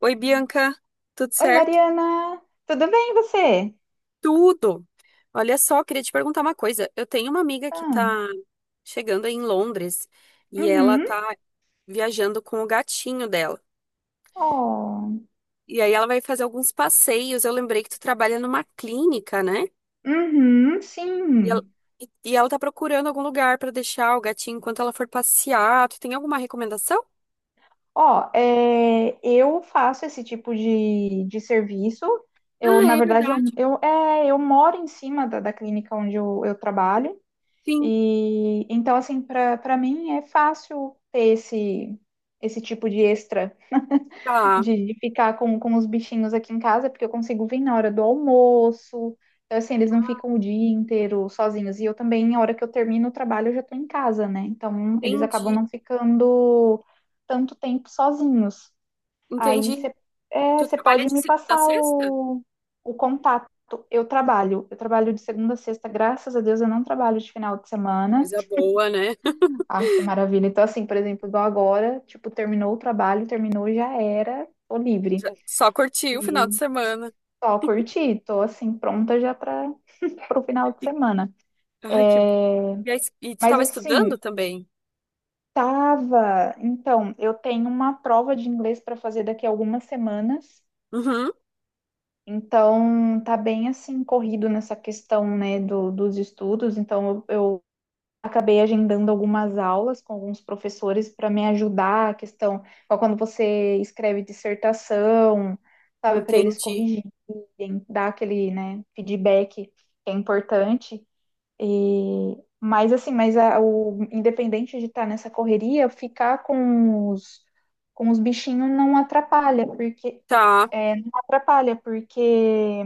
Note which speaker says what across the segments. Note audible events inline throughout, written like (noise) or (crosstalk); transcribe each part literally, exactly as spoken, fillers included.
Speaker 1: Oi, Bianca, tudo
Speaker 2: Oi,
Speaker 1: certo?
Speaker 2: Mariana, tudo bem você?
Speaker 1: Tudo! Olha só, queria te perguntar uma coisa. Eu tenho uma amiga que
Speaker 2: Ah,
Speaker 1: tá chegando aí em Londres e ela
Speaker 2: uhum,
Speaker 1: tá viajando com o gatinho dela.
Speaker 2: Oh.
Speaker 1: E aí ela vai fazer alguns passeios. Eu lembrei que tu trabalha numa clínica, né?
Speaker 2: Uhum,
Speaker 1: E ela,
Speaker 2: sim.
Speaker 1: e- e ela tá procurando algum lugar pra deixar o gatinho enquanto ela for passear. Tu tem alguma recomendação?
Speaker 2: Ó, é, eu faço esse tipo de, de serviço. Eu,
Speaker 1: Ah,
Speaker 2: na
Speaker 1: é
Speaker 2: verdade, eu,
Speaker 1: verdade.
Speaker 2: eu, é, eu moro em cima da, da clínica onde eu, eu trabalho.
Speaker 1: Sim,
Speaker 2: E então, assim, para para mim é fácil ter esse, esse tipo de extra.
Speaker 1: tá.
Speaker 2: de, de ficar com, com os bichinhos aqui em casa, porque eu consigo vir na hora do almoço. Então, assim, eles não ficam o dia inteiro sozinhos. E eu também, na hora que eu termino o trabalho, eu já tô em casa, né? Então, eles acabam
Speaker 1: Entendi.
Speaker 2: não ficando tanto tempo sozinhos. Aí
Speaker 1: Entendi.
Speaker 2: você é,
Speaker 1: Tu
Speaker 2: você
Speaker 1: trabalha
Speaker 2: pode
Speaker 1: de
Speaker 2: me
Speaker 1: segunda a
Speaker 2: passar
Speaker 1: sexta?
Speaker 2: o, o contato. Eu trabalho, eu trabalho de segunda a sexta, graças a Deus eu não trabalho de final de semana.
Speaker 1: Coisa boa, né?
Speaker 2: Ai, que maravilha. Então, assim, por exemplo, igual agora, tipo, terminou o trabalho, terminou, já era, tô livre.
Speaker 1: Já- Só curti o final de
Speaker 2: E
Speaker 1: semana.
Speaker 2: só curti, tô assim, pronta já para o final de
Speaker 1: E,
Speaker 2: semana.
Speaker 1: ai, que...
Speaker 2: É,
Speaker 1: E, Aí, e tu
Speaker 2: mas
Speaker 1: tava
Speaker 2: assim,
Speaker 1: estudando também?
Speaker 2: tava. Então, eu tenho uma prova de inglês para fazer daqui a algumas semanas.
Speaker 1: Uhum,
Speaker 2: Então, tá bem assim, corrido nessa questão, né, do, dos estudos. Então, eu, eu acabei agendando algumas aulas com alguns professores para me ajudar a questão, ó, quando você escreve dissertação, sabe, para eles
Speaker 1: entendi.
Speaker 2: corrigirem, dar aquele, né, feedback que é importante. E, mas assim, mas a- o independente de estar nessa correria, ficar com os, com os bichinhos não atrapalha, porque
Speaker 1: Tá.
Speaker 2: é, não atrapalha, porque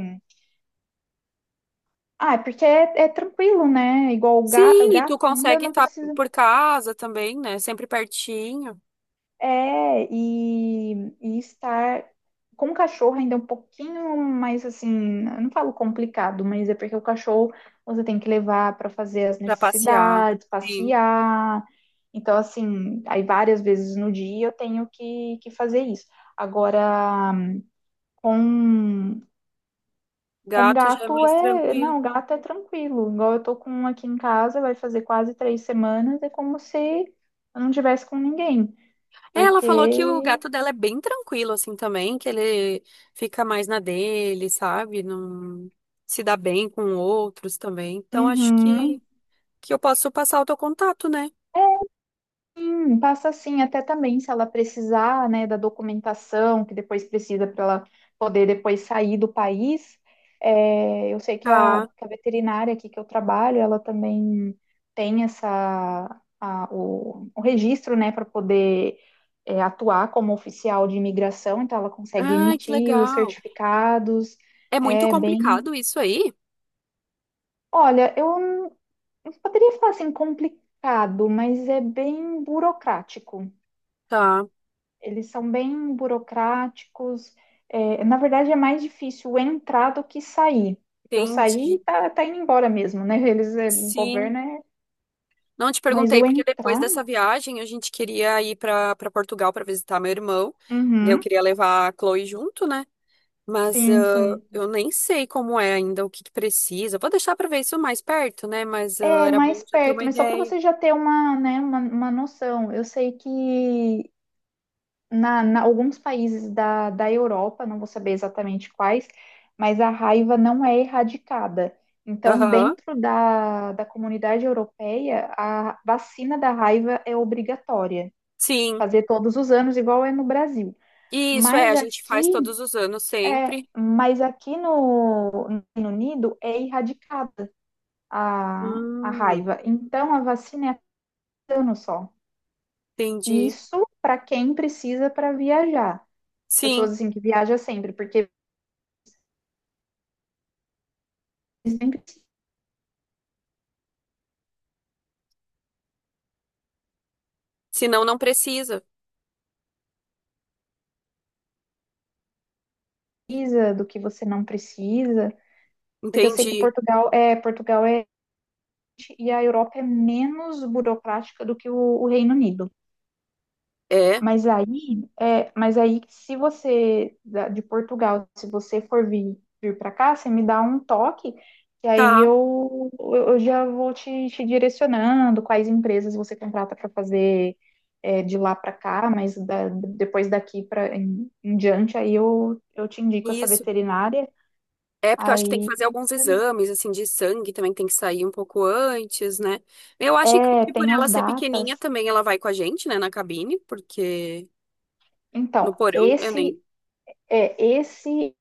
Speaker 2: ah, é porque é, é tranquilo, né? Igual o ga- o
Speaker 1: Sim, e tu
Speaker 2: gato, ainda
Speaker 1: consegue
Speaker 2: não
Speaker 1: estar
Speaker 2: precisa.
Speaker 1: por casa também, né? Sempre pertinho
Speaker 2: É, e, e estar com o cachorro ainda é um pouquinho mais assim, eu não falo complicado, mas é porque o cachorro você tem que levar para fazer as
Speaker 1: pra passear.
Speaker 2: necessidades,
Speaker 1: Sim.
Speaker 2: passear. Então, assim, aí várias vezes no dia eu tenho que, que fazer isso. Agora, com, com
Speaker 1: Gato já é
Speaker 2: gato
Speaker 1: mais
Speaker 2: é.
Speaker 1: tranquilo.
Speaker 2: Não, gato é tranquilo. Igual eu tô com um aqui em casa, vai fazer quase três semanas, é como se eu não tivesse com ninguém.
Speaker 1: É, ela
Speaker 2: Porque
Speaker 1: falou que o gato dela é bem tranquilo assim também, que ele fica mais na dele, sabe? Não se dá bem com outros também. Então acho
Speaker 2: uhum.
Speaker 1: que que eu posso passar o teu contato, né?
Speaker 2: É, sim, passa assim, até também se ela precisar, né, da documentação que depois precisa para ela poder depois sair do país. É, eu sei que a,
Speaker 1: Tá.
Speaker 2: que a veterinária aqui que eu trabalho, ela também tem essa a- o, o registro, né, para poder é, atuar como oficial de imigração, então ela consegue
Speaker 1: Ai, que
Speaker 2: emitir os
Speaker 1: legal.
Speaker 2: certificados.
Speaker 1: É muito
Speaker 2: É bem,
Speaker 1: complicado isso aí?
Speaker 2: olha, eu não poderia falar assim complicado, mas é bem burocrático.
Speaker 1: Tá,
Speaker 2: Eles são bem burocráticos. É, na verdade, é mais difícil entrar do que sair. Porque o sair
Speaker 1: entendi.
Speaker 2: tá, tá indo embora mesmo, né? Eles, é, o
Speaker 1: Sim.
Speaker 2: governo é.
Speaker 1: Não te
Speaker 2: Mas
Speaker 1: perguntei
Speaker 2: o
Speaker 1: porque depois
Speaker 2: entrar.
Speaker 1: dessa viagem a gente queria ir para para Portugal para visitar meu irmão. Daí eu
Speaker 2: Uhum.
Speaker 1: queria levar a Chloe junto, né? Mas
Speaker 2: Sim,
Speaker 1: ah,
Speaker 2: sim.
Speaker 1: eu nem sei como é ainda, o que que precisa. Vou deixar para ver isso mais perto, né? Mas ah,
Speaker 2: É
Speaker 1: era bom
Speaker 2: mais
Speaker 1: já ter
Speaker 2: perto,
Speaker 1: uma
Speaker 2: mas só para
Speaker 1: ideia.
Speaker 2: você já ter uma, né, uma, uma noção. Eu sei que na, na- alguns países da, da Europa, não vou saber exatamente quais, mas a raiva não é erradicada. Então,
Speaker 1: Aham.
Speaker 2: dentro da, da comunidade europeia, a vacina da raiva é obrigatória,
Speaker 1: Sim.
Speaker 2: fazer todos os anos, igual é no Brasil.
Speaker 1: Isso é,
Speaker 2: Mas
Speaker 1: a gente faz
Speaker 2: aqui,
Speaker 1: todos os anos
Speaker 2: é,
Speaker 1: sempre.
Speaker 2: mas aqui no, no Reino Unido é erradicada a, a
Speaker 1: Hum,
Speaker 2: raiva. Então, a vacina é cada ano só.
Speaker 1: entendi.
Speaker 2: Isso para quem precisa para viajar, pessoas
Speaker 1: Sim.
Speaker 2: assim que viaja sempre, porque nem
Speaker 1: Senão não precisa.
Speaker 2: precisa, do que você não precisa, porque eu sei que
Speaker 1: Entendi.
Speaker 2: Portugal é, Portugal é e a Europa é menos burocrática do que o, o Reino Unido.
Speaker 1: É.
Speaker 2: Mas aí, é, mas aí, se você da- de Portugal, se você for vir, vir para cá, você me dá um toque, e aí
Speaker 1: Tá.
Speaker 2: eu, eu já vou te, te direcionando quais empresas você contrata para fazer é, de lá para cá, mas da- depois daqui para em, em diante, aí eu, eu te indico essa
Speaker 1: Isso.
Speaker 2: veterinária.
Speaker 1: É porque eu acho que tem que
Speaker 2: Aí
Speaker 1: fazer alguns exames, assim, de sangue também tem que sair um pouco antes, né? Eu acho que
Speaker 2: é,
Speaker 1: que por
Speaker 2: tem as
Speaker 1: ela ser pequenininha
Speaker 2: datas.
Speaker 1: também ela vai com a gente, né, na cabine, porque
Speaker 2: Então,
Speaker 1: no porão eu
Speaker 2: esse
Speaker 1: nem.
Speaker 2: é, esse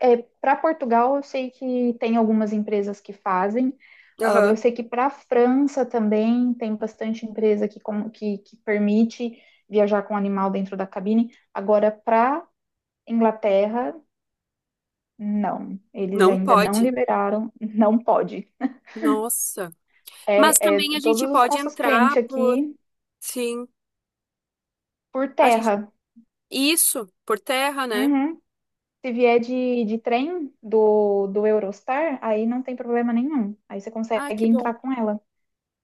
Speaker 2: é, para Portugal, eu sei que tem algumas empresas que fazem. Ah,
Speaker 1: Aham.
Speaker 2: eu sei que para a França também tem bastante empresa que, com- que, que permite viajar com animal dentro da cabine. Agora, para Inglaterra, não. Eles
Speaker 1: Não
Speaker 2: ainda não
Speaker 1: pode.
Speaker 2: liberaram, não pode.
Speaker 1: Nossa. Mas
Speaker 2: É, é
Speaker 1: também a gente
Speaker 2: todos os
Speaker 1: pode
Speaker 2: nossos clientes
Speaker 1: entrar por.
Speaker 2: aqui
Speaker 1: Sim.
Speaker 2: por
Speaker 1: A gente.
Speaker 2: terra.
Speaker 1: Isso, por terra, né?
Speaker 2: Uhum. Se vier de, de trem do, do Eurostar, aí não tem problema nenhum. Aí você
Speaker 1: Ah,
Speaker 2: consegue
Speaker 1: que bom.
Speaker 2: entrar com ela.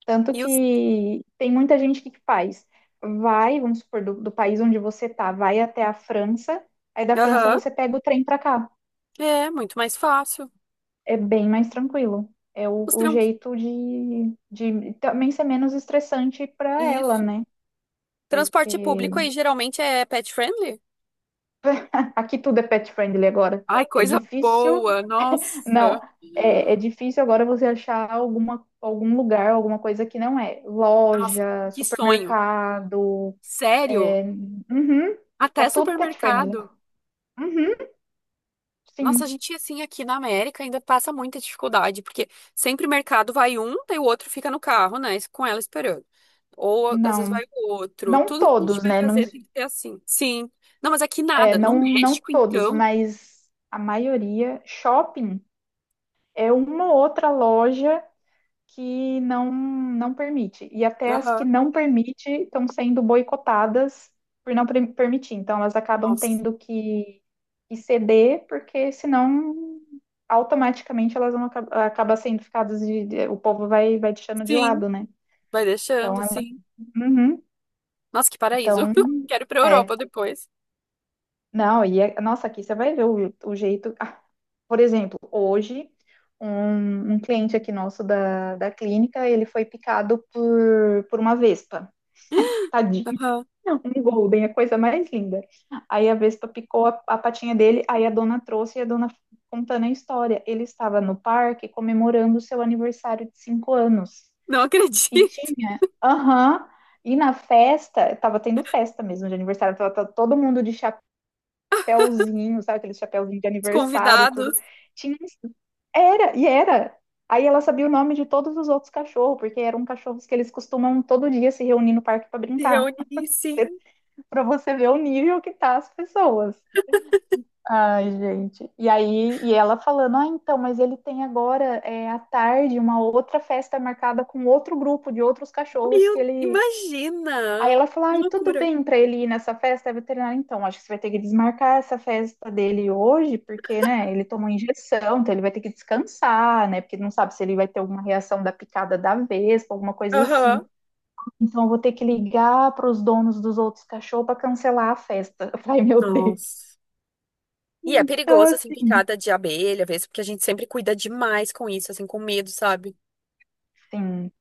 Speaker 2: Tanto
Speaker 1: E os.
Speaker 2: que tem muita gente que que faz. Vai, vamos supor, do, do país onde você tá, vai até a França, aí da França
Speaker 1: Aham.
Speaker 2: você pega o trem para cá.
Speaker 1: É, muito mais fácil.
Speaker 2: É bem mais tranquilo. É o,
Speaker 1: Os
Speaker 2: o
Speaker 1: trans.
Speaker 2: jeito de, de também ser menos estressante para ela,
Speaker 1: Isso.
Speaker 2: né?
Speaker 1: Transporte
Speaker 2: Porque
Speaker 1: público aí geralmente é pet friendly?
Speaker 2: aqui tudo é pet friendly agora.
Speaker 1: Ai,
Speaker 2: É
Speaker 1: coisa
Speaker 2: difícil,
Speaker 1: boa,
Speaker 2: não,
Speaker 1: nossa,
Speaker 2: é, é difícil agora você achar alguma, algum lugar, alguma coisa que não é.
Speaker 1: nossa,
Speaker 2: Loja,
Speaker 1: que sonho.
Speaker 2: supermercado,
Speaker 1: Sério,
Speaker 2: é, uhum, tá
Speaker 1: até
Speaker 2: tudo pet friendly.
Speaker 1: supermercado.
Speaker 2: Uhum,
Speaker 1: Nossa, a
Speaker 2: sim,
Speaker 1: gente assim aqui na América ainda passa muita dificuldade, porque sempre mercado vai um, daí o outro fica no carro, né, com ela esperando. Ou às vezes
Speaker 2: não,
Speaker 1: vai o outro.
Speaker 2: não
Speaker 1: Tudo que a gente
Speaker 2: todos,
Speaker 1: vai
Speaker 2: né? Não,
Speaker 1: fazer tem que ser assim. Sim. Não, mas aqui
Speaker 2: é,
Speaker 1: nada. No
Speaker 2: não, não
Speaker 1: México,
Speaker 2: todos,
Speaker 1: então.
Speaker 2: mas a maioria. Shopping é uma ou outra loja que não não permite. E até as que
Speaker 1: Aham.
Speaker 2: não permite estão sendo boicotadas por não pre- permitir. Então elas acabam
Speaker 1: Nossa.
Speaker 2: tendo que, que ceder, porque senão automaticamente elas vão acabar acaba sendo ficadas de, de- o povo vai vai deixando de
Speaker 1: Sim,
Speaker 2: lado, né?
Speaker 1: vai
Speaker 2: Então
Speaker 1: deixando,
Speaker 2: ela,
Speaker 1: sim.
Speaker 2: uhum,
Speaker 1: Nossa, que paraíso.
Speaker 2: então
Speaker 1: (laughs) Quero ir pra
Speaker 2: é,
Speaker 1: Europa depois.
Speaker 2: não, e é, nossa, aqui você vai ver o, o jeito. Ah, por exemplo, hoje um, um cliente aqui nosso da, da clínica, ele foi picado por, por uma vespa. Tadinho.
Speaker 1: Aham.
Speaker 2: Um golden, é a coisa mais linda. Aí a Vespa picou a, a patinha dele, aí a dona trouxe e a dona contando a história. Ele estava no parque comemorando o seu aniversário de cinco anos.
Speaker 1: Não
Speaker 2: E
Speaker 1: acredito.
Speaker 2: tinha, aham, e na festa, estava tendo festa mesmo de aniversário, tava, tava todo mundo de chapéuzinho, sabe aquele chapéuzinho de
Speaker 1: Os
Speaker 2: aniversário, tudo.
Speaker 1: convidados.
Speaker 2: Tinha, era, e era. Aí ela sabia o nome de todos os outros cachorros, porque eram cachorros que eles costumam todo dia se reunir no parque para
Speaker 1: Se
Speaker 2: brincar,
Speaker 1: reunir, sim.
Speaker 2: para você ver o nível que tá as pessoas. Ai, gente. E aí, e ela falando, ah, então, mas ele tem agora é, à tarde uma outra festa marcada com outro grupo de outros cachorros que
Speaker 1: Meu,
Speaker 2: ele. Aí
Speaker 1: imagina!
Speaker 2: ela falou,
Speaker 1: Que
Speaker 2: ai, tudo
Speaker 1: loucura.
Speaker 2: bem para ele ir nessa festa, é veterinária, então, acho que você vai ter que desmarcar essa festa dele hoje, porque, né, ele tomou injeção, então ele vai ter que descansar, né, porque não sabe se ele vai ter alguma reação da picada da vespa, alguma coisa assim.
Speaker 1: Aham.
Speaker 2: Então, eu vou ter que ligar para os donos dos outros cachorros para cancelar a festa. (laughs) Eu falei, meu Deus.
Speaker 1: Nossa. E é
Speaker 2: Então,
Speaker 1: perigoso, assim,
Speaker 2: assim,
Speaker 1: picada de abelha, às vezes, porque a gente sempre cuida demais com isso, assim, com medo, sabe?
Speaker 2: assim,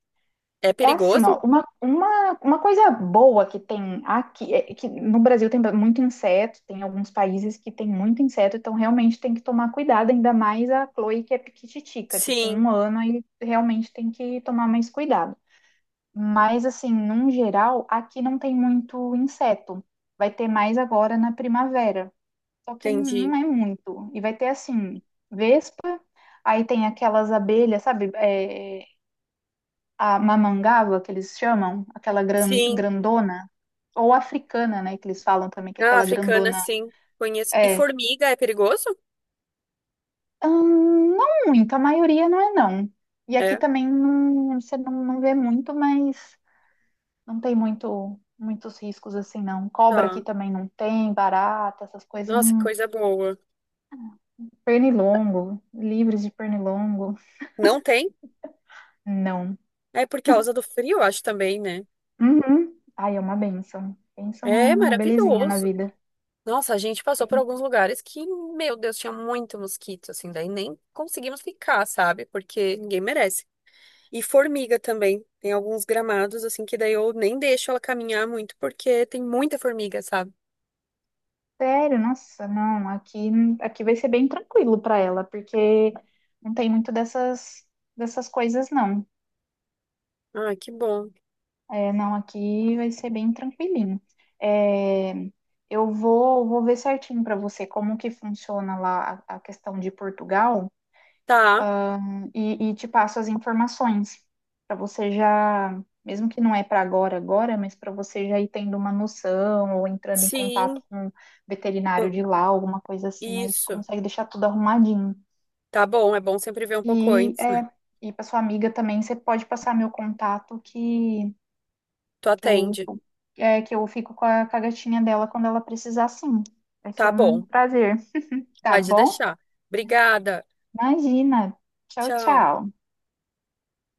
Speaker 1: É
Speaker 2: é assim,
Speaker 1: perigoso?
Speaker 2: ó, uma, uma, uma coisa boa que tem aqui, é que no Brasil tem muito inseto, tem alguns países que tem muito inseto, então realmente tem que tomar cuidado, ainda mais a Chloe que é piquititica, tipo,
Speaker 1: Sim,
Speaker 2: um ano aí realmente tem que tomar mais cuidado. Mas, assim, num geral, aqui não tem muito inseto. Vai ter mais agora na primavera. Só que não
Speaker 1: entendi.
Speaker 2: é muito. E vai ter assim, vespa, aí tem aquelas abelhas, sabe? É, a mamangava, que eles chamam, aquela gran,
Speaker 1: Sim.
Speaker 2: grandona, ou africana, né? Que eles falam também, que é
Speaker 1: Ah,
Speaker 2: aquela
Speaker 1: africana,
Speaker 2: grandona
Speaker 1: sim. Conheço. E
Speaker 2: é.
Speaker 1: formiga é perigoso?
Speaker 2: Hum, não muito, a maioria não é não. E aqui
Speaker 1: É.
Speaker 2: também não, você não, não vê muito, mas não tem muito, muitos riscos assim, não. Cobra
Speaker 1: Tá.
Speaker 2: aqui também não tem, barata, essas coisas.
Speaker 1: Nossa,
Speaker 2: Hum,
Speaker 1: coisa boa.
Speaker 2: pernilongo, livres de pernilongo,
Speaker 1: Não tem?
Speaker 2: não.
Speaker 1: É por causa do frio, eu acho também, né?
Speaker 2: Uhum. Ai, é uma bênção. Pensa
Speaker 1: É
Speaker 2: uma, uma belezinha na
Speaker 1: maravilhoso.
Speaker 2: vida.
Speaker 1: Nossa, a gente passou por alguns lugares que, meu Deus, tinha muito mosquito, assim, daí nem conseguimos ficar, sabe? Porque ninguém merece. E formiga também. Tem alguns gramados, assim, que daí eu nem deixo ela caminhar muito, porque tem muita formiga, sabe?
Speaker 2: Sério, nossa, não. Aqui, aqui vai ser bem tranquilo para ela, porque não tem muito dessas, dessas coisas, não.
Speaker 1: Ah, que bom.
Speaker 2: É, não, aqui vai ser bem tranquilinho. É, eu vou, vou ver certinho para você como que funciona lá a, a questão de Portugal.
Speaker 1: Tá,
Speaker 2: E, e te passo as informações para você já, mesmo que não é para agora, agora, mas para você já ir tendo uma noção ou entrando em
Speaker 1: sim.
Speaker 2: contato com um veterinário
Speaker 1: Hum,
Speaker 2: de lá, alguma coisa assim, aí você
Speaker 1: isso.
Speaker 2: consegue deixar tudo arrumadinho.
Speaker 1: Tá bom, é bom sempre ver um pouco
Speaker 2: E
Speaker 1: antes, né?
Speaker 2: é, e para sua amiga também, você pode passar meu contato que,
Speaker 1: Tu
Speaker 2: que eu
Speaker 1: atende.
Speaker 2: é, que eu fico com a, com a gatinha dela quando ela precisar, sim. Vai ser
Speaker 1: Tá
Speaker 2: um
Speaker 1: bom,
Speaker 2: prazer, tá
Speaker 1: pode
Speaker 2: bom?
Speaker 1: deixar. Obrigada.
Speaker 2: Imagina. Tchau,
Speaker 1: Tchau.
Speaker 2: tchau.